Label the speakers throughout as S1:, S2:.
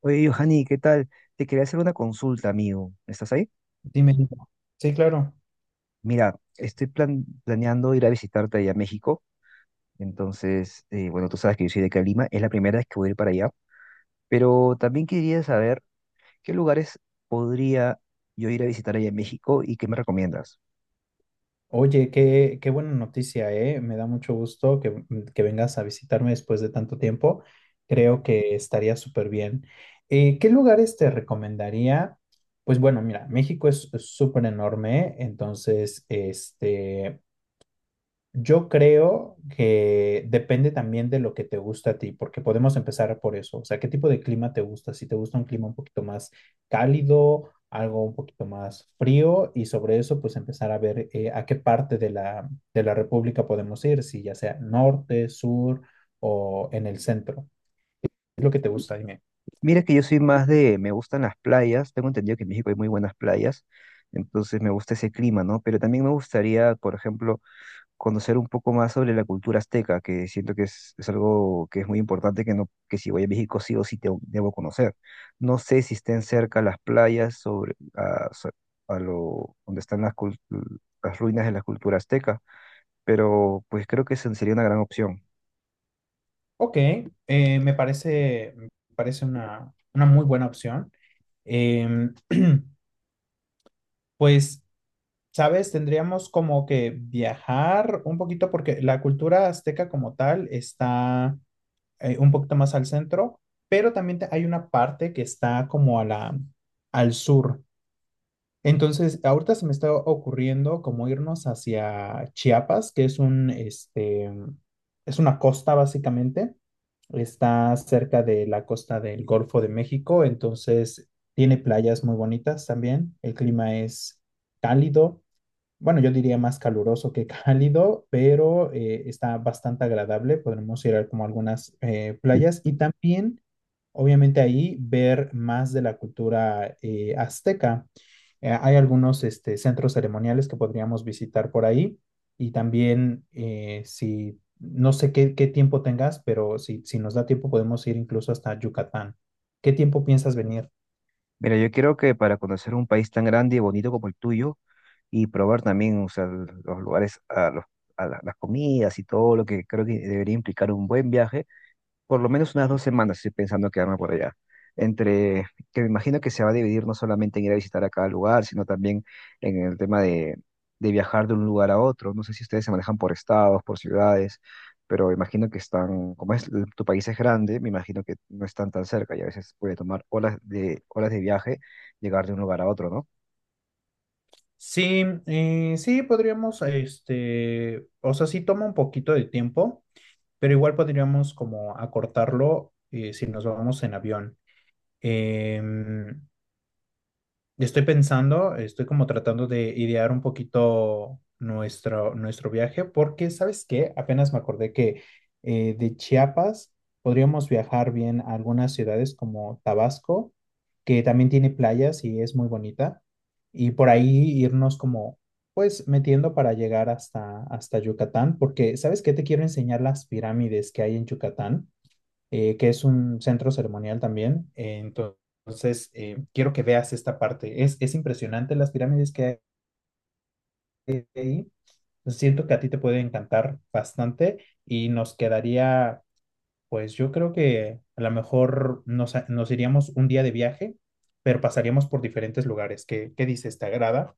S1: Oye, Johanny, ¿qué tal? Te quería hacer una consulta, amigo. ¿Estás ahí?
S2: Dime, dime. Sí, claro.
S1: Mira, estoy planeando ir a visitarte allá a México. Entonces, bueno, tú sabes que yo soy de Calima, es la primera vez que voy a ir para allá. Pero también quería saber qué lugares podría yo ir a visitar allá en México y qué me recomiendas.
S2: Oye, qué buena noticia, ¿eh? Me da mucho gusto que vengas a visitarme después de tanto tiempo. Creo que estaría súper bien. ¿Qué lugares te recomendaría? Pues bueno, mira, México es súper enorme, entonces, yo creo que depende también de lo que te gusta a ti, porque podemos empezar por eso. O sea, ¿qué tipo de clima te gusta? Si te gusta un clima un poquito más cálido, algo un poquito más frío, y sobre eso, pues empezar a ver a qué parte de la República podemos ir, si ya sea norte, sur o en el centro. ¿Qué es lo que te gusta? Dime.
S1: Mira que yo soy más me gustan las playas. Tengo entendido que en México hay muy buenas playas. Entonces me gusta ese clima, ¿no? Pero también me gustaría, por ejemplo, conocer un poco más sobre la cultura azteca, que siento que es algo que es muy importante, que, no, que si voy a México sí o sí debo conocer. No sé si estén cerca las playas sobre, a, so- a lo, donde están las ruinas de la cultura azteca, pero pues creo que esa sería una gran opción.
S2: Ok, me parece una muy buena opción. Em, pues. ¿Sabes? Tendríamos como que viajar un poquito porque la cultura azteca como tal está un poquito más al centro, pero también hay una parte que está como al sur. Entonces, ahorita se me está ocurriendo como irnos hacia Chiapas, que es es una costa básicamente. Está cerca de la costa del Golfo de México, entonces tiene playas muy bonitas también. El clima es cálido, bueno, yo diría más caluroso que cálido, pero está bastante agradable. Podremos ir a como algunas playas y también, obviamente, ahí ver más de la cultura azteca. Hay algunos centros ceremoniales que podríamos visitar por ahí y también no sé qué tiempo tengas, pero si nos da tiempo podemos ir incluso hasta Yucatán. ¿Qué tiempo piensas venir?
S1: Mira, yo creo que para conocer un país tan grande y bonito como el tuyo y probar también, o sea, los lugares, a los, a la- las comidas y todo lo que creo que debería implicar un buen viaje, por lo menos unas 2 semanas estoy pensando quedarme por allá. Entre, que me imagino que se va a dividir no solamente en ir a visitar a cada lugar, sino también en el tema de viajar de un lugar a otro. No sé si ustedes se manejan por estados, por ciudades, pero imagino que están, como es, tu país es grande, me imagino que no están tan cerca y a veces puede tomar horas de viaje llegar de un lugar a otro, ¿no?
S2: Sí, sí, podríamos, o sea, sí toma un poquito de tiempo, pero igual podríamos como acortarlo si nos vamos en avión. Em, yo estoy pensando, estoy como tratando de idear un poquito nuestro viaje, porque, ¿sabes qué? Apenas me acordé que de Chiapas podríamos viajar bien a algunas ciudades como Tabasco, que también tiene playas y es muy bonita, y por ahí irnos como, pues, metiendo para llegar hasta Yucatán, porque, ¿sabes qué? Te quiero enseñar las pirámides que hay en Yucatán, que es un centro ceremonial también. Entonces, quiero que veas esta parte. Es impresionante las pirámides que hay ahí. Siento que a ti te puede encantar bastante y nos quedaría, pues yo creo que a lo mejor nos iríamos un día de viaje, pero pasaríamos por diferentes lugares. ¿Qué dices? ¿Te agrada?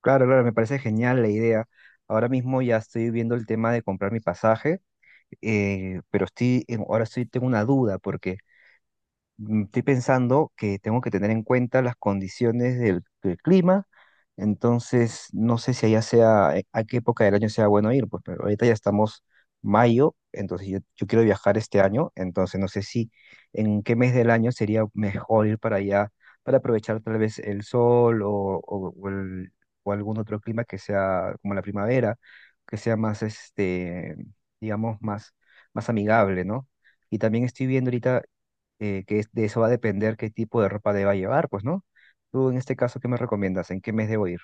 S1: Claro, claro, me parece genial la idea. Ahora mismo ya estoy viendo el tema de comprar mi pasaje, pero ahora estoy, tengo una duda porque estoy pensando que tengo que tener en cuenta las condiciones del clima, entonces no sé si allá sea, a qué época del año sea bueno ir, pues, pero ahorita ya estamos mayo, entonces yo quiero viajar este año, entonces no sé si en qué mes del año sería mejor ir para allá para aprovechar tal vez el sol o- o el- o algún otro clima que sea como la primavera, que sea más, este, digamos, más, más amigable, ¿no? Y también estoy viendo ahorita de eso va a depender qué tipo de ropa deba llevar, pues, ¿no? Tú en este caso, ¿qué me recomiendas? ¿En qué mes debo ir?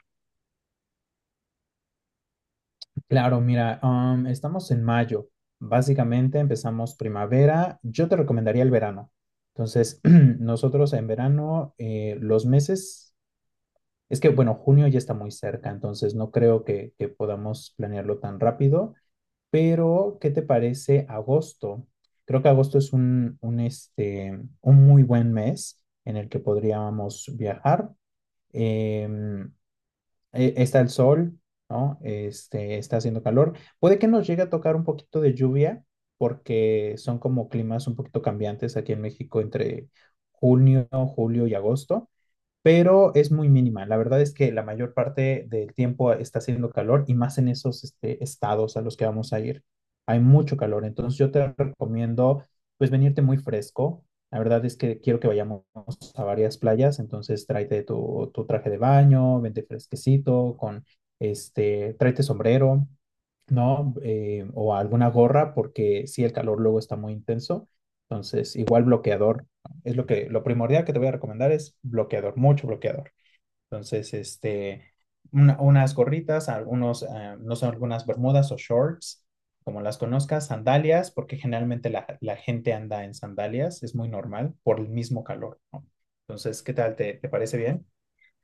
S2: Claro, mira, estamos en mayo. Básicamente empezamos primavera. Yo te recomendaría el verano. Entonces, nosotros en verano, los meses, es que, bueno, junio ya está muy cerca, entonces no creo que podamos planearlo tan rápido, pero ¿qué te parece agosto? Creo que agosto es un muy buen mes en el que podríamos viajar. Em, Está el sol, ¿no? Está haciendo calor. Puede que nos llegue a tocar un poquito de lluvia porque son como climas un poquito cambiantes aquí en México entre junio, julio y agosto, pero es muy mínima. La verdad es que la mayor parte del tiempo está haciendo calor y más en esos estados a los que vamos a ir. Hay mucho calor, entonces yo te recomiendo pues venirte muy fresco. La verdad es que quiero que vayamos a varias playas, entonces tráete tu traje de baño, vente fresquecito, con tráete sombrero, ¿no? O alguna gorra, porque sí, el calor luego está muy intenso. Entonces, igual bloqueador es lo primordial que te voy a recomendar, es bloqueador, mucho bloqueador. Entonces, unas gorritas, algunos, no sé, algunas bermudas o shorts, como las conozcas, sandalias, porque generalmente la gente anda en sandalias, es muy normal por el mismo calor, ¿no? Entonces, ¿qué tal? ¿Te parece bien?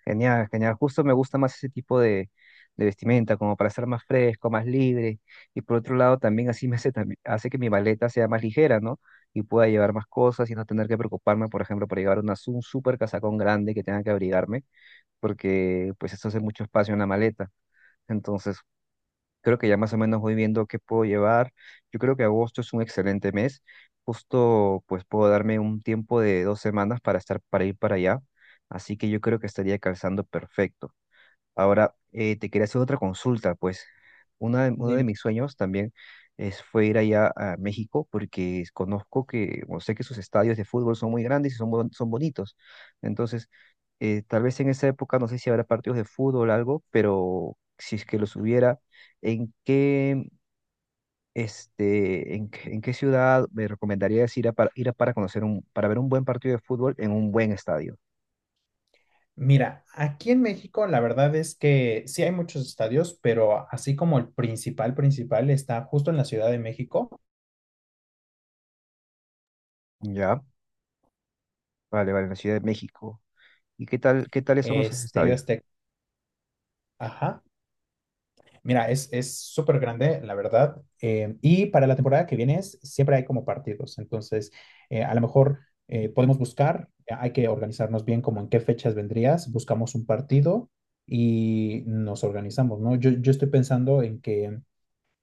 S1: Genial, genial. Justo me gusta más ese tipo de vestimenta, como para ser más fresco, más libre. Y por otro lado, también así hace que mi maleta sea más ligera, ¿no? Y pueda llevar más cosas y no tener que preocuparme, por ejemplo, por llevar un súper casacón grande que tenga que abrigarme, porque pues eso hace mucho espacio en la maleta. Entonces, creo que ya más o menos voy viendo qué puedo llevar. Yo creo que agosto es un excelente mes. Justo pues puedo darme un tiempo de 2 semanas para estar, para ir para allá. Así que yo creo que estaría calzando perfecto. Ahora, te quería hacer otra consulta, pues uno de
S2: Dime.
S1: mis sueños también fue ir allá a México porque conozco que, o sé que sus estadios de fútbol son muy grandes y son, son bonitos. Entonces, tal vez en esa época, no sé si habrá partidos de fútbol o algo, pero si es que los hubiera, ¿en qué, este, en qué ciudad me recomendarías ir a para conocer para ver un buen partido de fútbol en un buen estadio?
S2: Mira, aquí en México la verdad es que sí hay muchos estadios, pero así como el principal, principal está justo en la Ciudad de México,
S1: Ya, vale, vale, en la Ciudad de México. ¿Y qué tales son esos
S2: Estadio
S1: estadios?
S2: Azteca. Ajá. Mira, es súper grande, la verdad. Y para la temporada que viene siempre hay como partidos. Entonces, a lo mejor podemos buscar, hay que organizarnos bien como en qué fechas vendrías, buscamos un partido y nos organizamos, ¿no? Yo estoy pensando en que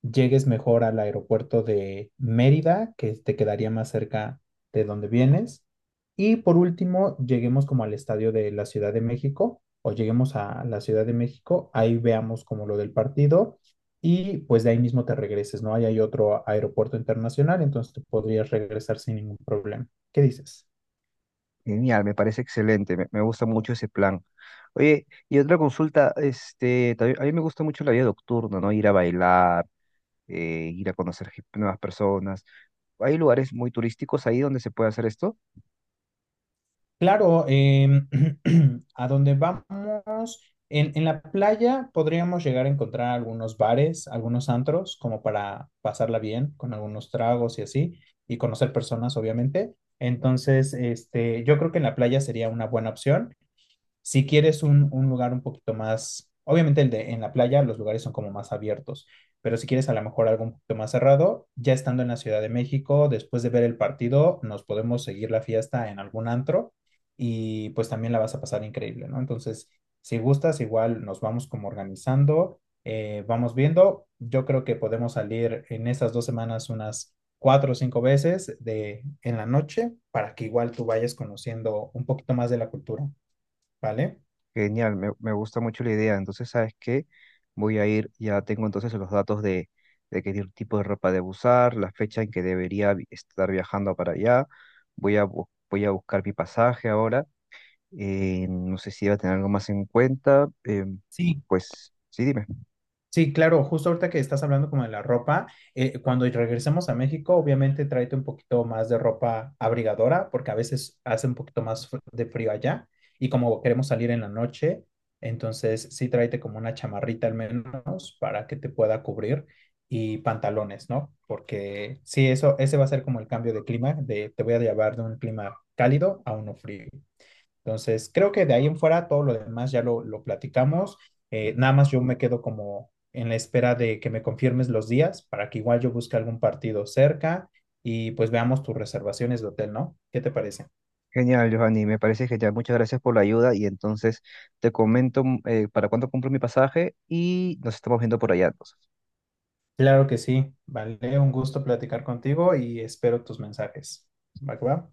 S2: llegues mejor al aeropuerto de Mérida, que te quedaría más cerca de donde vienes. Y por último, lleguemos como al estadio de la Ciudad de México, o lleguemos a la Ciudad de México, ahí veamos como lo del partido y pues de ahí mismo te regreses, ¿no? Ahí hay otro aeropuerto internacional, entonces te podrías regresar sin ningún problema. ¿Qué dices?
S1: Genial, me parece excelente, me gusta mucho ese plan. Oye, y otra consulta, este, a mí me gusta mucho la vida nocturna, ¿no? Ir a bailar, ir a conocer nuevas personas. Hay lugares muy turísticos ahí donde se puede hacer esto.
S2: Claro, a donde vamos, en la playa podríamos llegar a encontrar algunos bares, algunos antros, como para pasarla bien, con algunos tragos y así, y conocer personas, obviamente. Entonces, yo creo que en la playa sería una buena opción. Si quieres un lugar un poquito más, obviamente el de en la playa, los lugares son como más abiertos, pero si quieres a lo mejor algo un poquito más cerrado, ya estando en la Ciudad de México, después de ver el partido, nos podemos seguir la fiesta en algún antro y pues también la vas a pasar increíble, ¿no? Entonces, si gustas, igual nos vamos como organizando, vamos viendo. Yo creo que podemos salir en esas 2 semanas unas cuatro o cinco veces en la noche para que igual tú vayas conociendo un poquito más de la cultura, ¿vale?
S1: Genial, me gusta mucho la idea. Entonces, ¿sabes qué? Voy a ir, ya tengo entonces los datos de qué tipo de ropa debo usar, la fecha en que debería estar viajando para allá. Voy a voy a buscar mi pasaje ahora. No sé si iba a tener algo más en cuenta.
S2: Sí,
S1: Pues sí, dime.
S2: sí, claro, justo ahorita que estás hablando como de la ropa, cuando regresemos a México, obviamente tráete un poquito más de ropa abrigadora, porque a veces hace un poquito más de frío allá, y como queremos salir en la noche, entonces sí tráete como una chamarrita al menos para que te pueda cubrir y pantalones, ¿no? Porque sí, ese va a ser como el cambio de clima, de te voy a llevar de un clima cálido a uno frío. Entonces, creo que de ahí en fuera todo lo demás ya lo platicamos. Nada más yo me quedo como en la espera de que me confirmes los días para que igual yo busque algún partido cerca y pues veamos tus reservaciones de hotel, ¿no? ¿Qué te parece?
S1: Genial, Giovanni, me parece genial. Muchas gracias por la ayuda y entonces te comento para cuándo compro mi pasaje y nos estamos viendo por allá entonces.
S2: Claro que sí, vale, un gusto platicar contigo y espero tus mensajes. ¿Va que va?